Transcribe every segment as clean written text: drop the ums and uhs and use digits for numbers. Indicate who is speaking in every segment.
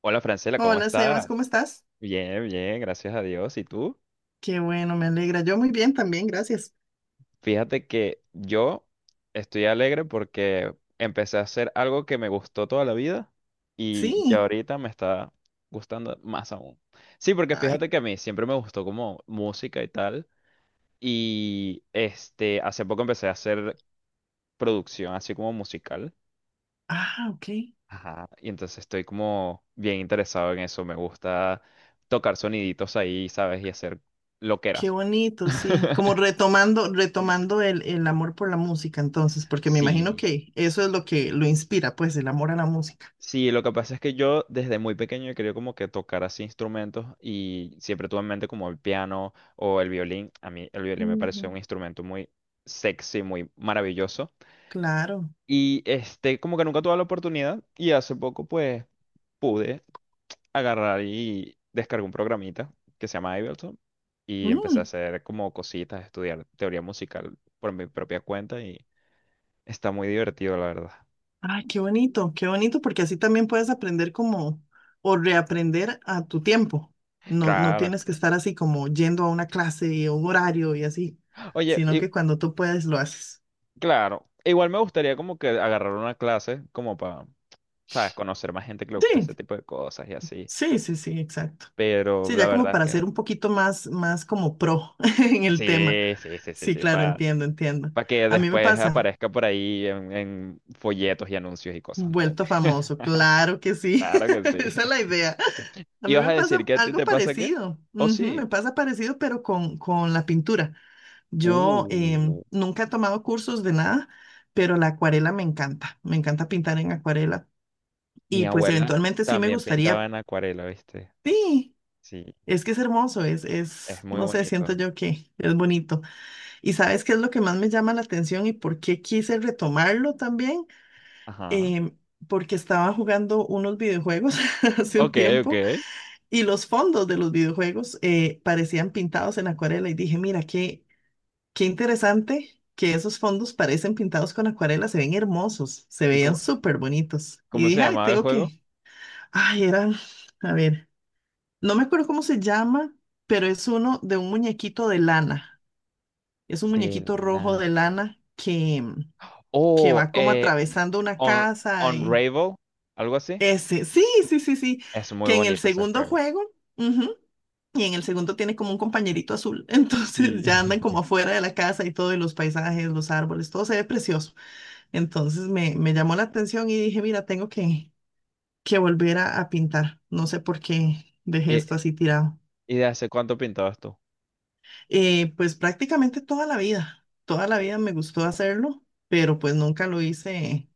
Speaker 1: Hola Francela, ¿cómo
Speaker 2: Hola Sebas,
Speaker 1: estás?
Speaker 2: ¿cómo estás?
Speaker 1: Bien, bien, gracias a Dios. ¿Y tú?
Speaker 2: Qué bueno, me alegra. Yo muy bien también, gracias.
Speaker 1: Fíjate que yo estoy alegre porque empecé a hacer algo que me gustó toda la vida y ya
Speaker 2: Sí.
Speaker 1: ahorita me está gustando más aún. Sí, porque
Speaker 2: Ay,
Speaker 1: fíjate que a mí siempre me gustó como música y tal y este hace poco empecé a hacer producción así como musical.
Speaker 2: ah, ok.
Speaker 1: Ajá, y entonces estoy como bien interesado en eso. Me gusta tocar soniditos ahí, ¿sabes? Y hacer
Speaker 2: Qué
Speaker 1: loqueras.
Speaker 2: bonito, sí. Como retomando, retomando el amor por la música, entonces, porque me imagino
Speaker 1: Sí,
Speaker 2: que eso es lo que lo inspira, pues, el amor a la música.
Speaker 1: sí, lo que pasa es que yo desde muy pequeño he querido como que tocar así instrumentos y siempre tuve en mente como el piano o el violín. A mí el violín me pareció
Speaker 2: Ujú.
Speaker 1: un instrumento muy sexy, muy maravilloso.
Speaker 2: Claro.
Speaker 1: Y este, como que nunca tuve la oportunidad y hace poco pues pude agarrar y descargué un programita que se llama Ableton y empecé a
Speaker 2: Mm,
Speaker 1: hacer como cositas, estudiar teoría musical por mi propia cuenta y está muy divertido, la verdad.
Speaker 2: ay, qué bonito, porque así también puedes aprender como, o reaprender a tu tiempo. No, no
Speaker 1: Claro.
Speaker 2: tienes que estar así como yendo a una clase y a un horario y así,
Speaker 1: Oye,
Speaker 2: sino
Speaker 1: y,
Speaker 2: que cuando tú puedes lo haces.
Speaker 1: claro, igual me gustaría como que agarrar una clase como para, ¿sabes? Conocer más gente que le gusta
Speaker 2: Sí,
Speaker 1: este tipo de cosas y así,
Speaker 2: sí, sí, sí, exacto.
Speaker 1: pero
Speaker 2: Sí,
Speaker 1: la
Speaker 2: ya como
Speaker 1: verdad es
Speaker 2: para
Speaker 1: que
Speaker 2: ser un poquito más, más como pro en el tema.
Speaker 1: sí, sí, sí, sí,
Speaker 2: Sí,
Speaker 1: sí,
Speaker 2: claro,
Speaker 1: para...
Speaker 2: entiendo, entiendo.
Speaker 1: Para que
Speaker 2: A mí me
Speaker 1: después
Speaker 2: pasa,
Speaker 1: aparezca por ahí en folletos y anuncios y cosas, ¿no?
Speaker 2: vuelto famoso, claro que sí.
Speaker 1: Claro que sí.
Speaker 2: Esa es la idea. A
Speaker 1: ¿Y
Speaker 2: mí
Speaker 1: vas
Speaker 2: me
Speaker 1: a decir
Speaker 2: pasa
Speaker 1: que a ti
Speaker 2: algo
Speaker 1: te pasa qué?
Speaker 2: parecido.
Speaker 1: ¿O
Speaker 2: Ujú,
Speaker 1: sí?
Speaker 2: me pasa parecido, pero con la pintura. Yo
Speaker 1: Uh,
Speaker 2: nunca he tomado cursos de nada, pero la acuarela me encanta. Me encanta pintar en acuarela.
Speaker 1: mi
Speaker 2: Y pues
Speaker 1: abuela
Speaker 2: eventualmente sí me
Speaker 1: también
Speaker 2: gustaría.
Speaker 1: pintaba en acuarela, ¿viste?
Speaker 2: Sí,
Speaker 1: Sí,
Speaker 2: es que es hermoso,
Speaker 1: es
Speaker 2: es,
Speaker 1: muy
Speaker 2: no sé, siento
Speaker 1: bonito.
Speaker 2: yo que es bonito. ¿Y sabes qué es lo que más me llama la atención y por qué quise retomarlo también?
Speaker 1: Ajá.
Speaker 2: Em, Porque estaba jugando unos videojuegos hace un
Speaker 1: Ok,
Speaker 2: tiempo
Speaker 1: ok.
Speaker 2: y los fondos de los videojuegos parecían pintados en acuarela y dije, mira, qué, qué interesante que esos fondos parecen pintados con acuarela, se ven hermosos, se
Speaker 1: ¿Y
Speaker 2: veían
Speaker 1: cómo,
Speaker 2: súper bonitos. Y
Speaker 1: cómo se
Speaker 2: dije, ay,
Speaker 1: llamaba el
Speaker 2: tengo
Speaker 1: juego?
Speaker 2: que, ay, eran, a ver. No me acuerdo cómo se llama, pero es uno de un muñequito de lana. Es un
Speaker 1: De
Speaker 2: muñequito rojo
Speaker 1: la...
Speaker 2: de lana que, mm, que
Speaker 1: Oh,
Speaker 2: va como atravesando una
Speaker 1: Un-
Speaker 2: casa y
Speaker 1: Unravel, algo así.
Speaker 2: ese, sí, sí, sí, sí,
Speaker 1: Es muy
Speaker 2: que en el
Speaker 1: bonito ese
Speaker 2: segundo
Speaker 1: juego.
Speaker 2: juego, ujú, y en el segundo tiene como un compañerito azul.
Speaker 1: Sí.
Speaker 2: Entonces ya andan como afuera de la casa y todo, y los paisajes, los árboles, todo se ve precioso. Entonces me llamó la atención y dije, mira, tengo que volver a pintar. No sé por qué dejé
Speaker 1: ¿Y,
Speaker 2: esto así tirado.
Speaker 1: y de hace cuánto pintabas tú?
Speaker 2: Pues prácticamente toda la
Speaker 1: Oh,
Speaker 2: vida me gustó hacerlo, pero pues nunca lo hice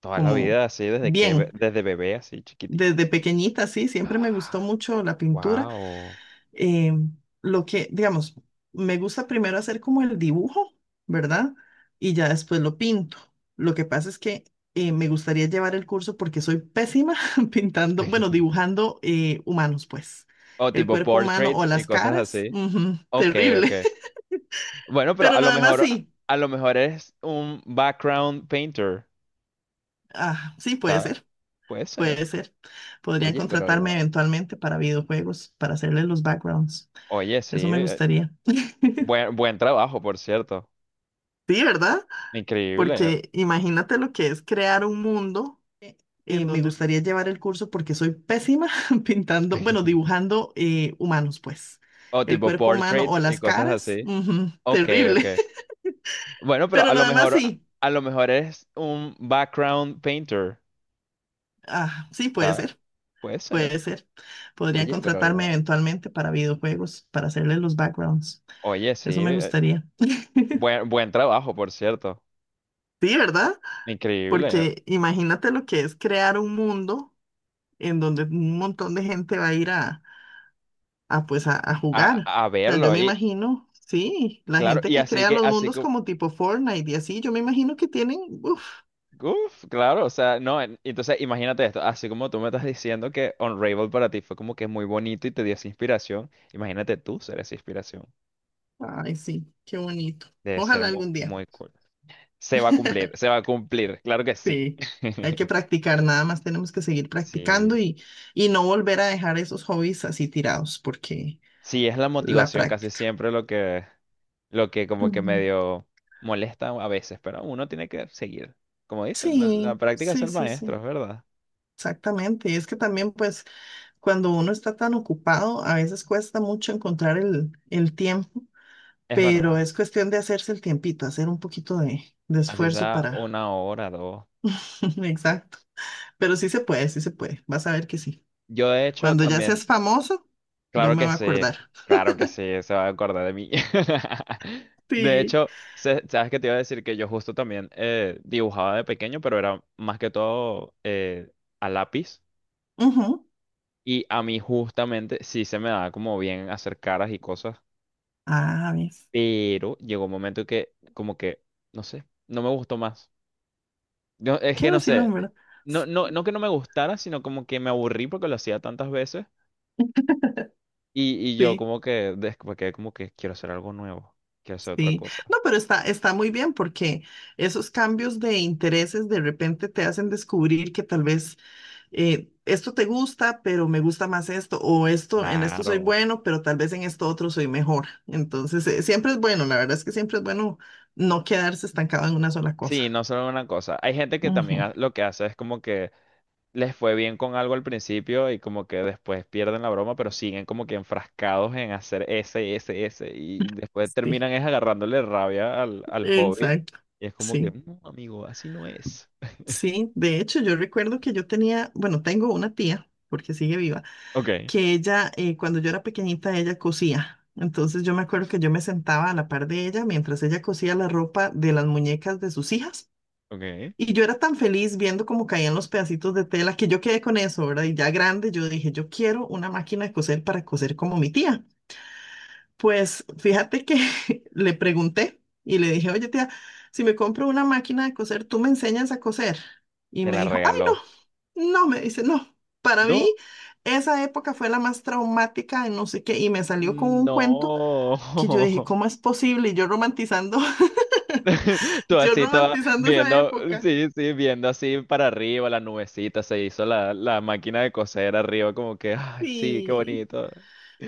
Speaker 1: toda la
Speaker 2: como
Speaker 1: vida, así, desde que, be-
Speaker 2: bien.
Speaker 1: desde bebé, así, chiquitico
Speaker 2: Desde
Speaker 1: también.
Speaker 2: pequeñita, sí, siempre me gustó mucho la pintura.
Speaker 1: Wow.
Speaker 2: Eh, lo que, digamos, me gusta primero hacer como el dibujo, ¿verdad? Y ya después lo pinto. Lo que pasa es que me gustaría llevar el curso porque soy pésima pintando, bueno, dibujando humanos, pues.
Speaker 1: O
Speaker 2: El
Speaker 1: tipo
Speaker 2: cuerpo humano o
Speaker 1: portraits y
Speaker 2: las
Speaker 1: cosas
Speaker 2: caras,
Speaker 1: así.
Speaker 2: ujú,
Speaker 1: Ok,
Speaker 2: terrible.
Speaker 1: ok. Bueno, pero
Speaker 2: Pero lo demás sí,
Speaker 1: a lo mejor eres un background painter,
Speaker 2: ah, sí, puede
Speaker 1: ¿sabes?
Speaker 2: ser,
Speaker 1: Puede ser.
Speaker 2: puede ser. Podrían
Speaker 1: Oye, pero
Speaker 2: contratarme
Speaker 1: igual.
Speaker 2: eventualmente para videojuegos, para hacerles los backgrounds.
Speaker 1: Oye, sí.
Speaker 2: Eso me gustaría.
Speaker 1: Buen, buen trabajo, por cierto.
Speaker 2: Sí, ¿verdad?
Speaker 1: Increíble.
Speaker 2: Porque imagínate lo que es crear un mundo en donde un montón de gente va a ir a, pues a jugar.
Speaker 1: A
Speaker 2: O sea, yo
Speaker 1: verlo.
Speaker 2: me
Speaker 1: Y
Speaker 2: imagino, sí, la
Speaker 1: claro,
Speaker 2: gente
Speaker 1: y
Speaker 2: que
Speaker 1: así
Speaker 2: crea
Speaker 1: que,
Speaker 2: los
Speaker 1: así
Speaker 2: mundos
Speaker 1: como.
Speaker 2: como tipo Fortnite y así, yo me imagino que tienen, uff,
Speaker 1: Uf, claro, o sea, no, en- entonces imagínate esto, así como tú me estás diciendo que Unravel para ti fue como que muy bonito y te dio esa inspiración, imagínate tú ser esa inspiración,
Speaker 2: ay, sí, qué bonito.
Speaker 1: debe ser
Speaker 2: Ojalá
Speaker 1: mu-
Speaker 2: algún día.
Speaker 1: muy cool. Se va a cumplir, se va a cumplir, claro que sí.
Speaker 2: Sí, hay que practicar, nada más tenemos que seguir
Speaker 1: Sí,
Speaker 2: practicando y no volver a dejar esos hobbies así tirados, porque
Speaker 1: sí, es la
Speaker 2: la
Speaker 1: motivación casi
Speaker 2: práctica.
Speaker 1: siempre lo que como que
Speaker 2: Ujú.
Speaker 1: medio molesta a veces, pero uno tiene que seguir. Como dicen, la
Speaker 2: Sí,
Speaker 1: práctica es
Speaker 2: sí,
Speaker 1: el
Speaker 2: sí,
Speaker 1: maestro,
Speaker 2: sí,
Speaker 1: es verdad.
Speaker 2: exactamente. Y es que también, pues, cuando uno está tan ocupado, a veces cuesta mucho encontrar el tiempo,
Speaker 1: Es
Speaker 2: pero
Speaker 1: verdad.
Speaker 2: es cuestión de hacerse el tiempito, hacer un poquito de
Speaker 1: Así
Speaker 2: esfuerzo
Speaker 1: sea
Speaker 2: para...
Speaker 1: una hora, dos.
Speaker 2: Exacto. Pero sí se puede, sí se puede. Vas a ver que sí.
Speaker 1: Yo de hecho
Speaker 2: Cuando ya
Speaker 1: también,
Speaker 2: seas famoso, yo
Speaker 1: claro
Speaker 2: me
Speaker 1: que
Speaker 2: voy a
Speaker 1: sí,
Speaker 2: acordar.
Speaker 1: claro que sí, se va a acordar de mí. De
Speaker 2: Sí.
Speaker 1: hecho, se- sabes que te iba a decir que yo justo también dibujaba de pequeño, pero era más que todo a lápiz.
Speaker 2: Ujú.
Speaker 1: Y a mí justamente sí se me daba como bien hacer caras y cosas,
Speaker 2: Ah, ¿ves?
Speaker 1: pero llegó un momento que como que, no sé, no me gustó más. Yo, es
Speaker 2: Qué
Speaker 1: que no
Speaker 2: vacilón,
Speaker 1: sé,
Speaker 2: ¿verdad?
Speaker 1: no, no, no que no me gustara, sino como que me aburrí porque lo hacía tantas veces y yo
Speaker 2: Sí,
Speaker 1: como que después quedé como que quiero hacer algo nuevo, quiero hacer otra
Speaker 2: sí.
Speaker 1: cosa.
Speaker 2: No, pero está, está muy bien porque esos cambios de intereses de repente te hacen descubrir que tal vez esto te gusta, pero me gusta más esto, o esto, en esto soy
Speaker 1: Claro.
Speaker 2: bueno, pero tal vez en esto otro soy mejor. Entonces, siempre es bueno, la verdad es que siempre es bueno no quedarse estancado en una sola
Speaker 1: Sí,
Speaker 2: cosa.
Speaker 1: no solo una cosa. Hay gente que también
Speaker 2: Ujú,
Speaker 1: ha- lo que hace es como que les fue bien con algo al principio y como que después pierden la broma, pero siguen como que enfrascados en hacer ese, ese, ese y después
Speaker 2: sí,
Speaker 1: terminan es agarrándole rabia al, al hobby
Speaker 2: exacto.
Speaker 1: y es como que,
Speaker 2: Sí,
Speaker 1: no, amigo, así no es.
Speaker 2: sí. De hecho, yo recuerdo que yo tenía, bueno, tengo una tía, porque sigue viva
Speaker 1: Ok,
Speaker 2: que ella, cuando yo era pequeñita, ella cosía. Entonces yo me acuerdo que yo me sentaba a la par de ella mientras ella cosía la ropa de las muñecas de sus hijas.
Speaker 1: ok,
Speaker 2: Y yo era tan feliz viendo cómo caían los pedacitos de tela que yo quedé con eso, ¿verdad? Y ya grande yo dije, yo quiero una máquina de coser para coser como mi tía. Pues fíjate que le pregunté y le dije, oye tía, si me compro una máquina de coser, ¿tú me enseñas a coser? Y
Speaker 1: te
Speaker 2: me
Speaker 1: la
Speaker 2: dijo, ay, no.
Speaker 1: regaló.
Speaker 2: No, me dice, no. Para mí,
Speaker 1: No,
Speaker 2: esa época fue la más traumática de no sé qué. Y me salió con un cuento
Speaker 1: no.
Speaker 2: que yo dije, ¿cómo es posible? Y yo romantizando,
Speaker 1: Tú
Speaker 2: yo
Speaker 1: así, toda
Speaker 2: romantizando esa
Speaker 1: viendo,
Speaker 2: época.
Speaker 1: sí, sí, viendo así para arriba la nubecita, se hizo la, la máquina de coser arriba como que, ay, sí, qué
Speaker 2: Y,
Speaker 1: bonito.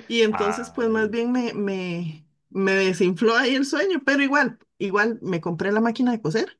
Speaker 2: y entonces, pues más
Speaker 1: Ay.
Speaker 2: bien me desinfló ahí el sueño, pero igual, igual me compré la máquina de coser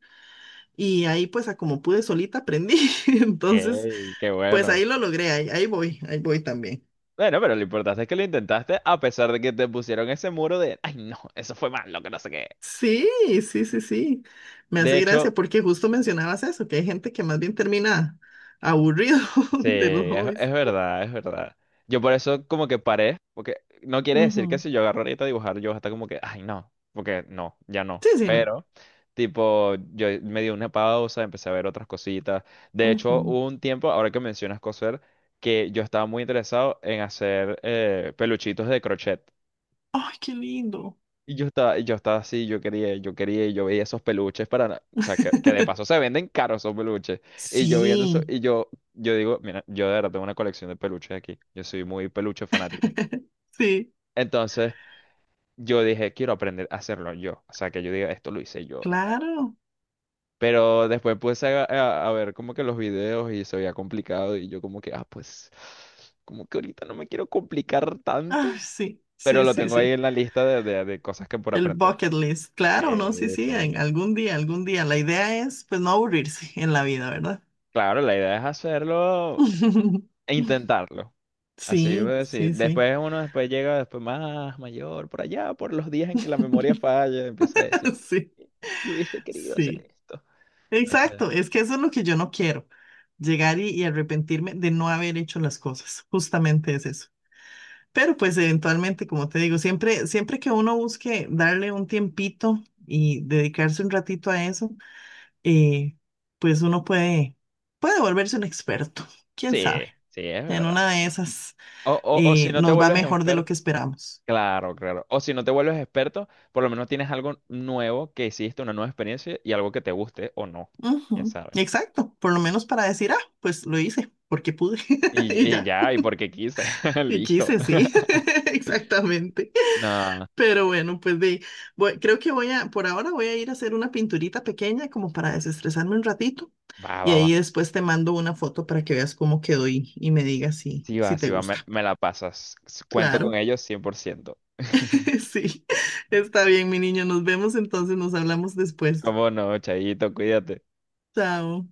Speaker 2: y ahí pues a como pude solita aprendí. Entonces,
Speaker 1: Ey, qué
Speaker 2: pues
Speaker 1: bueno.
Speaker 2: ahí lo logré, ahí, ahí voy también.
Speaker 1: Bueno, pero lo importante es que lo intentaste a pesar de que te pusieron ese muro de, ay, no, eso fue malo, que no sé qué.
Speaker 2: Sí, sí, sí, sí. Me
Speaker 1: De
Speaker 2: hace
Speaker 1: hecho,
Speaker 2: gracia porque justo mencionabas eso, que hay gente que más bien termina aburrido
Speaker 1: sí,
Speaker 2: de los hobbies.
Speaker 1: es verdad, es verdad. Yo por eso como que paré, porque no quiere decir que
Speaker 2: Ujú.
Speaker 1: si yo agarro ahorita a dibujar, yo hasta como que, ay, no, porque no, ya no.
Speaker 2: Sí, sí, no.
Speaker 1: Pero, tipo, yo me di una pausa, empecé a ver otras cositas. De hecho,
Speaker 2: Ujú.
Speaker 1: hubo un tiempo, ahora que mencionas coser, que yo estaba muy interesado en hacer peluchitos de crochet.
Speaker 2: Ay, qué lindo.
Speaker 1: Y yo estaba así, yo quería, y yo veía esos peluches para, na- o sea, que de paso se venden caros esos peluches. Y yo viendo eso,
Speaker 2: Sí,
Speaker 1: y yo digo, mira, yo de verdad tengo una colección de peluches aquí. Yo soy muy peluche fanático.
Speaker 2: sí,
Speaker 1: Entonces, yo dije, quiero aprender a hacerlo yo. O sea, que yo diga, esto lo hice yo y tal.
Speaker 2: claro.
Speaker 1: Pero después puse a ver como que los videos y se veía complicado y yo como que, ah, pues, como que ahorita no me quiero complicar tanto.
Speaker 2: Ay, sí,
Speaker 1: Pero
Speaker 2: sí,
Speaker 1: lo
Speaker 2: sí,
Speaker 1: tengo ahí
Speaker 2: sí.
Speaker 1: en la lista de cosas que por
Speaker 2: El
Speaker 1: aprender.
Speaker 2: bucket list,
Speaker 1: Sí,
Speaker 2: claro, ¿no? Sí, sí,
Speaker 1: sí.
Speaker 2: en algún día, algún día. La idea es, pues, no aburrirse en la vida, ¿verdad?
Speaker 1: Claro, la idea es hacerlo e intentarlo. Así voy a
Speaker 2: Sí,
Speaker 1: decir.
Speaker 2: sí, sí.
Speaker 1: Después uno después llega después más mayor, por allá, por los días en que la memoria falla, empieza a decir,
Speaker 2: Sí,
Speaker 1: yo hubiese querido hacer
Speaker 2: sí.
Speaker 1: esto. No sé.
Speaker 2: Exacto, es que eso es lo que yo no quiero llegar y arrepentirme de no haber hecho las cosas. Justamente es eso. Pero pues eventualmente, como te digo, siempre, siempre que uno busque darle un tiempito y dedicarse un ratito a eso, eh, pues uno puede, puede volverse un experto. ¿Quién sabe?
Speaker 1: Sí, sí, es
Speaker 2: En una
Speaker 1: verdad.
Speaker 2: de esas
Speaker 1: O si no te
Speaker 2: nos va
Speaker 1: vuelves
Speaker 2: mejor de lo
Speaker 1: experto,
Speaker 2: que esperamos.
Speaker 1: claro, claro. O si no te vuelves experto, por lo menos tienes algo nuevo que hiciste, una nueva experiencia y algo que te guste o no. Ya
Speaker 2: Ujú,
Speaker 1: sabes.
Speaker 2: exacto, por lo menos para decir, ah, pues lo hice porque pude y
Speaker 1: Y
Speaker 2: ya,
Speaker 1: ya, y porque quise.
Speaker 2: y
Speaker 1: Listo.
Speaker 2: quise, sí, exactamente.
Speaker 1: No,
Speaker 2: Pero bueno, pues de, creo que voy a, por ahora voy a ir a hacer una pinturita pequeña como para desestresarme un ratito
Speaker 1: va,
Speaker 2: y
Speaker 1: va, va.
Speaker 2: ahí después te mando una foto para que veas cómo quedó y me digas si,
Speaker 1: Sí va,
Speaker 2: si te
Speaker 1: sí va, me,
Speaker 2: gusta.
Speaker 1: me la pasas. Cuento con
Speaker 2: Claro,
Speaker 1: ellos 100%.
Speaker 2: sí, está bien, mi niño, nos vemos entonces, nos hablamos después.
Speaker 1: ¿Cómo no, Chayito? Cuídate.
Speaker 2: Chao.